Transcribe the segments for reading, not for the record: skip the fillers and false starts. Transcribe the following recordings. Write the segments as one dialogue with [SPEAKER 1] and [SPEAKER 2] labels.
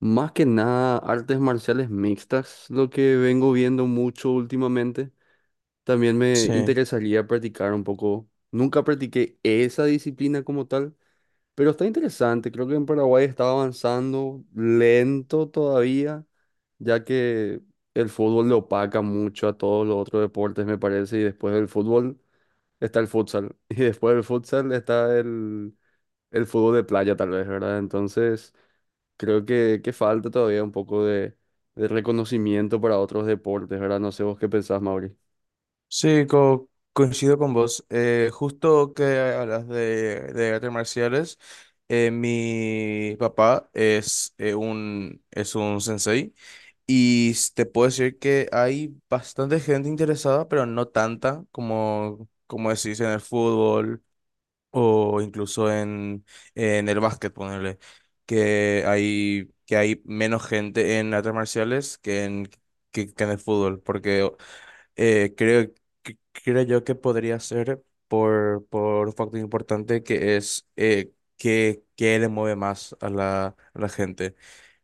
[SPEAKER 1] Más que nada, artes marciales mixtas, lo que vengo viendo mucho últimamente. También me
[SPEAKER 2] Sí,
[SPEAKER 1] interesaría practicar un poco. Nunca practiqué esa disciplina como tal, pero está interesante. Creo que en Paraguay está avanzando lento todavía, ya que el fútbol le opaca mucho a todos los otros deportes, me parece. Y después del fútbol está el futsal. Y después del futsal está el fútbol de playa, tal vez, ¿verdad? Entonces… Creo que falta todavía un poco de reconocimiento para otros deportes, ¿verdad? No sé vos qué pensás, Mauri.
[SPEAKER 2] sí, co- Coincido con vos. Justo que hablas de artes marciales, mi papá es, es un sensei y te puedo decir que hay bastante gente interesada, pero no tanta como decís en el fútbol o incluso en el básquet, ponerle, que hay menos gente en artes marciales que que en el fútbol, porque... Eh, creo, Creo yo que podría ser por un factor importante que es que qué le mueve más a a la gente.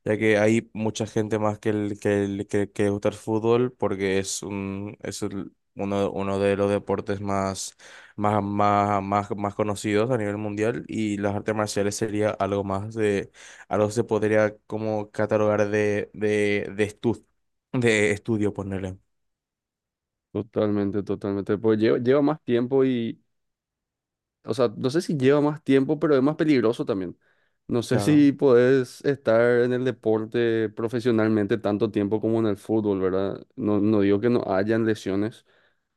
[SPEAKER 2] Ya que hay mucha gente más que le gusta el fútbol porque es, un, es el- uno, uno de los deportes más conocidos a nivel mundial, y las artes marciales sería algo más algo que se podría como catalogar de estudio, ponerle.
[SPEAKER 1] Totalmente, totalmente. Pues lleva más tiempo y, o sea, no sé si lleva más tiempo, pero es más peligroso también. No sé
[SPEAKER 2] claro
[SPEAKER 1] si podés estar en el deporte profesionalmente tanto tiempo como en el fútbol, ¿verdad? No, no digo que no hayan lesiones,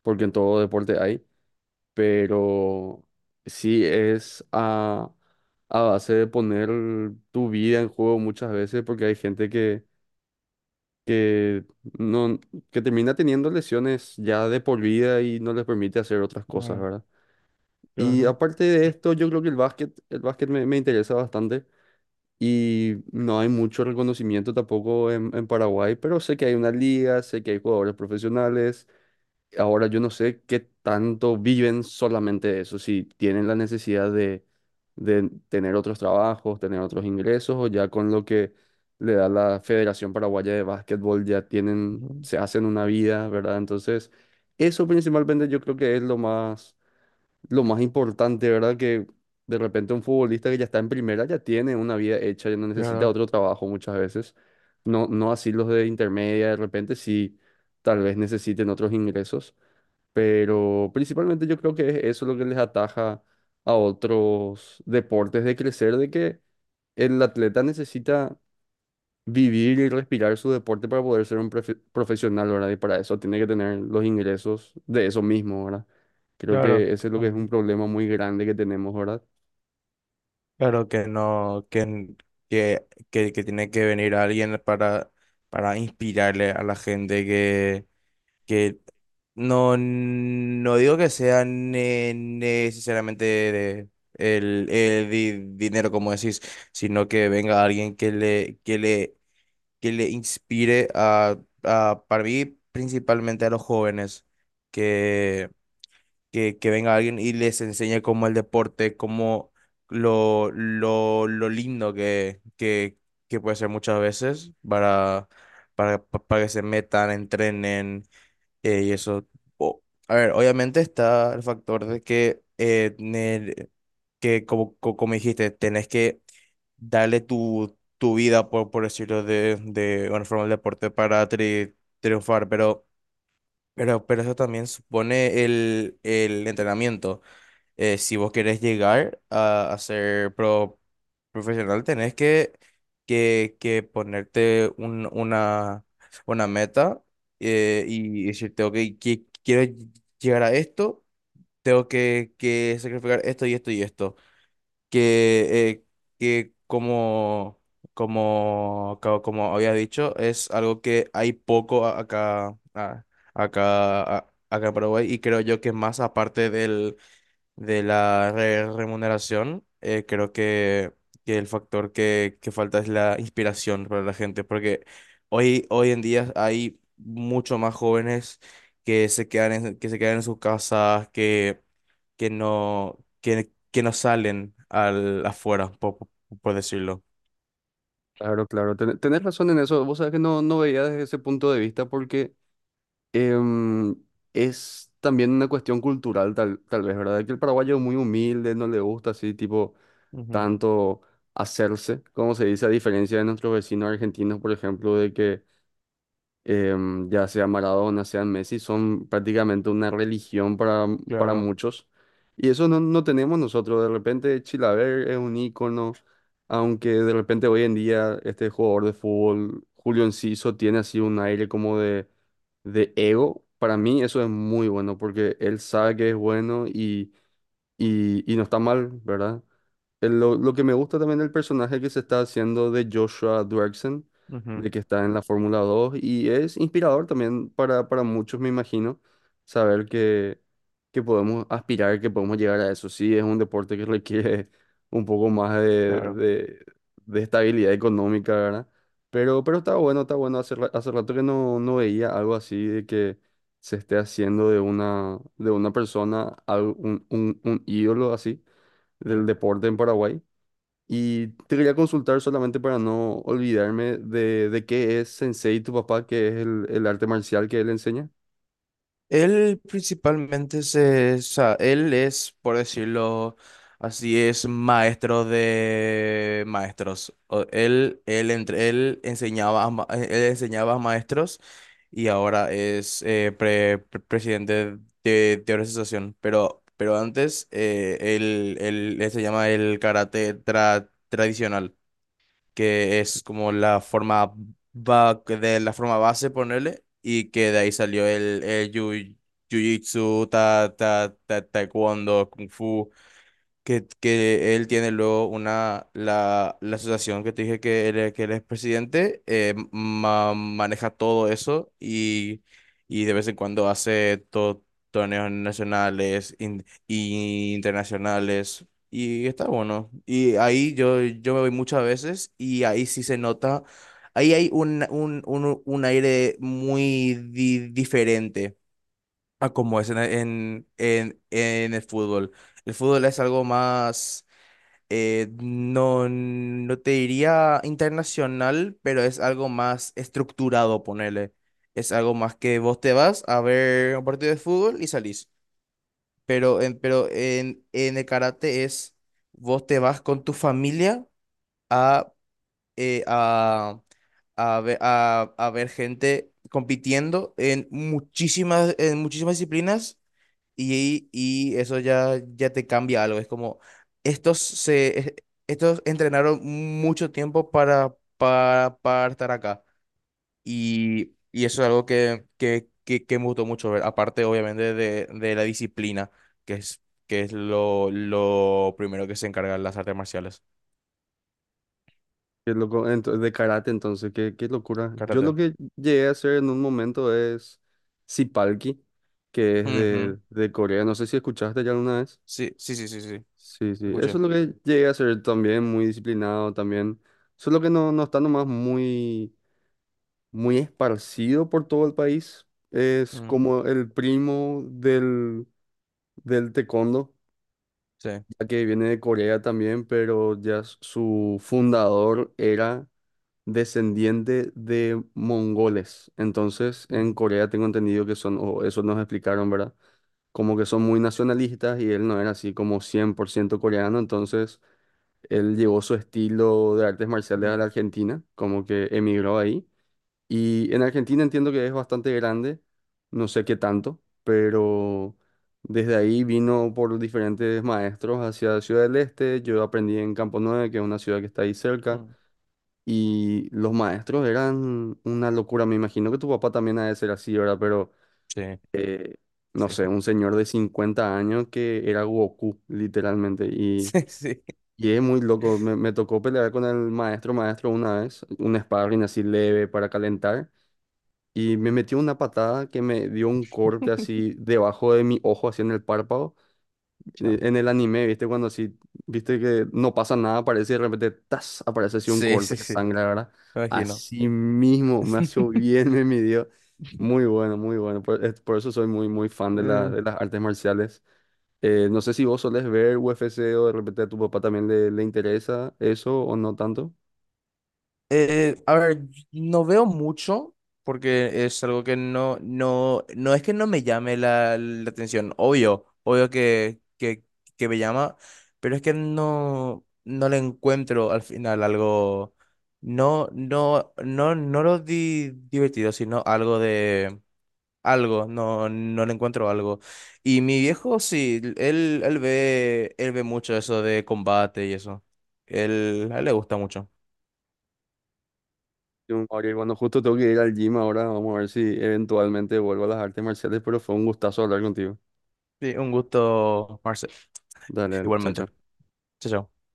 [SPEAKER 1] porque en todo deporte hay, pero sí es a base de poner tu vida en juego muchas veces porque hay gente que, no, que termina teniendo lesiones ya de por vida y no les permite hacer otras cosas,
[SPEAKER 2] Claro.
[SPEAKER 1] ¿verdad? Y
[SPEAKER 2] Claro,
[SPEAKER 1] aparte de esto, yo creo que el básquet me interesa bastante y no hay mucho reconocimiento tampoco en Paraguay, pero sé que hay una liga, sé que hay jugadores profesionales. Ahora yo no sé qué tanto viven solamente de eso, si tienen la necesidad de tener otros trabajos, tener otros ingresos, o ya con lo que le da la Federación Paraguaya de Básquetbol ya tienen,
[SPEAKER 2] ujú,
[SPEAKER 1] se hacen una vida, ¿verdad? Entonces, eso principalmente yo creo que es lo más importante, ¿verdad? Que de repente un futbolista que ya está en primera ya tiene una vida hecha, ya no necesita
[SPEAKER 2] claro,
[SPEAKER 1] otro trabajo muchas veces. No, no así los de intermedia, de repente sí, tal vez necesiten otros ingresos. Pero principalmente yo creo que es eso lo que les ataja a otros deportes de crecer, de que el atleta necesita vivir y respirar su deporte para poder ser un profesional, ¿verdad? Y para eso tiene que tener los ingresos de eso mismo, ¿verdad? Creo
[SPEAKER 2] claro,
[SPEAKER 1] que ese es lo que
[SPEAKER 2] claro
[SPEAKER 1] es un problema muy grande que tenemos, ¿verdad?
[SPEAKER 2] Claro que no, que, n- que tiene que venir alguien para inspirarle a la gente que no, no digo que sea necesariamente dinero, como decís, sino que venga alguien que le inspire a, para mí, principalmente a los jóvenes, que venga alguien y les enseñe cómo el deporte, cómo lo lindo que puede ser muchas veces para, para que se metan, entrenen, y eso. O- a ver, obviamente está el factor de que, como dijiste, tenés que darle tu vida, por decirlo de una forma, al deporte para triunfar, pero... pero eso también supone el entrenamiento, si vos querés llegar a ser profesional, tenés que ponerte una meta, y decirte, ok, quiero llegar a esto, tengo que sacrificar esto y esto y esto. Que, eh, que como, como, co- Como había dicho, es algo que hay poco acá, acá en Paraguay, y creo yo que más aparte del remuneración, que el factor que falta es la inspiración para la gente, porque hoy, hoy en día hay mucho más jóvenes que se quedan que se quedan en sus casas, que no salen al, afuera, por decirlo.
[SPEAKER 1] Claro, claro, tenés razón en eso. Vos sabés que no, no veía desde ese punto de vista porque em, es también una cuestión cultural, tal vez, ¿verdad? Que el paraguayo es muy humilde, no le gusta así, tipo
[SPEAKER 2] Ujú,
[SPEAKER 1] tanto hacerse, como se dice, a diferencia de nuestros vecinos argentinos, por ejemplo, de que ya sea Maradona, sea Messi, son prácticamente una religión para
[SPEAKER 2] claro,
[SPEAKER 1] muchos. Y eso no, no tenemos nosotros. De repente Chilaver es un ícono, aunque de repente hoy en día este jugador de fútbol, Julio Enciso, tiene así un aire como de ego. Para mí eso es muy bueno porque él sabe que es bueno y no está mal, ¿verdad? Lo que me gusta también del personaje que se está haciendo de Joshua Duerksen,
[SPEAKER 2] ujú,
[SPEAKER 1] de que está en la Fórmula 2 y es inspirador también para muchos, me imagino, saber que podemos aspirar, que podemos llegar a eso. Sí, es un deporte que requiere un poco más
[SPEAKER 2] claro.
[SPEAKER 1] de estabilidad económica, ¿verdad? Pero está bueno, está bueno. Hace rato que no, no veía algo así de que se esté haciendo de una persona un ídolo así del deporte en Paraguay. Y te quería consultar solamente para no olvidarme de qué es Sensei, tu papá, que es el arte marcial que él enseña,
[SPEAKER 2] Él principalmente se, o sea, él es, por decirlo así, es maestro de maestros. Él, él enseñaba a, él enseñaba a maestros, y ahora es presidente de organización. Pero antes, eh, él se llama el karate tradicional, que es como la forma base, ponerle, y que de ahí salió el jiu-jitsu, taekwondo, kung fu, que él tiene luego la asociación que te dije que que él es presidente, eh, maneja todo eso, y de vez en cuando hace torneos nacionales y internacionales, y está bueno. Y ahí yo, yo me voy muchas veces, y ahí sí se nota, ahí hay un aire muy diferente a como es en el fútbol. El fútbol es algo más, no, no te diría internacional, pero es algo más estructurado, ponele. Es algo más que vos te vas a ver un partido de fútbol y salís. Pero en el karate es, vos te vas con tu familia a, eh, a, a ver gente compitiendo en muchísimas disciplinas, y eso ya, ya te cambia algo. Es como, estos, se, es- estos entrenaron mucho tiempo para estar acá. Y eso es algo que me gustó mucho ver. Aparte, obviamente, de la disciplina, que es, que es lo primero que se encargan las artes marciales.
[SPEAKER 1] que es loco, de karate, entonces, qué, qué locura. Yo lo
[SPEAKER 2] Karate.
[SPEAKER 1] que llegué a hacer en un momento es Sipalki, que es
[SPEAKER 2] Ujú.
[SPEAKER 1] de Corea, no sé si escuchaste ya alguna vez.
[SPEAKER 2] Sí, sí, sí, sí, sí.
[SPEAKER 1] Sí, sí, eso
[SPEAKER 2] Escuché.
[SPEAKER 1] es lo que llegué a hacer también, muy disciplinado también, solo que no, no está nomás muy muy esparcido por todo el país. Es
[SPEAKER 2] Mm,
[SPEAKER 1] como el primo del taekwondo,
[SPEAKER 2] sí.
[SPEAKER 1] ya que viene de Corea también, pero ya su fundador era descendiente de mongoles. Entonces, en
[SPEAKER 2] Mm,
[SPEAKER 1] Corea tengo entendido que son, o eso nos explicaron, ¿verdad? Como que son muy nacionalistas y él no era así como 100% coreano, entonces él llevó su estilo de artes marciales a la
[SPEAKER 2] mm,
[SPEAKER 1] Argentina, como que emigró ahí. Y en Argentina entiendo que es bastante grande, no sé qué tanto, pero desde ahí vino por diferentes maestros hacia Ciudad del Este. Yo aprendí en Campo 9, que es una ciudad que está ahí cerca,
[SPEAKER 2] mm.
[SPEAKER 1] y los maestros eran una locura. Me imagino que tu papá también ha de ser así, ¿verdad? Pero
[SPEAKER 2] Sí,
[SPEAKER 1] eh, no
[SPEAKER 2] sí.
[SPEAKER 1] sé, un señor de 50 años que era Goku, literalmente, y.
[SPEAKER 2] Sí, sí.
[SPEAKER 1] Y es muy loco, me tocó pelear con el maestro una vez, un sparring así leve para calentar, y me metió una patada que me dio un corte así debajo de mi ojo, así en el párpado.
[SPEAKER 2] Ya.
[SPEAKER 1] En el anime, ¿viste? Cuando así, viste que no pasa nada, aparece y de repente, ¡tas!, aparece así un
[SPEAKER 2] Sí,
[SPEAKER 1] corte
[SPEAKER 2] sí,
[SPEAKER 1] de
[SPEAKER 2] sí.
[SPEAKER 1] sangre, ¿verdad?
[SPEAKER 2] Me imagino.
[SPEAKER 1] Así mismo, me hizo bien, me midió. Muy bueno, muy bueno. Por eso soy muy, muy fan
[SPEAKER 2] Mm.
[SPEAKER 1] de las artes marciales. No sé si vos solés ver UFC o de repente a tu papá también le interesa eso o no tanto.
[SPEAKER 2] A ver, no veo mucho porque es algo que no, no es que no me llame la, la atención, obvio, que me llama, pero es que no, no le encuentro al final algo, no, no lo divertido, sino algo. Algo, no, no le encuentro algo. Y mi viejo, sí, él ve mucho eso de combate y eso. Él, a él le gusta mucho.
[SPEAKER 1] Jun, Ariel, bueno, justo tengo que ir al gym ahora. Vamos a ver si eventualmente vuelvo a las artes marciales, pero fue un gustazo hablar contigo.
[SPEAKER 2] Sí, un gusto, Marcel.
[SPEAKER 1] Dale, dale, chao,
[SPEAKER 2] Igualmente.
[SPEAKER 1] chao.
[SPEAKER 2] Chao, chao.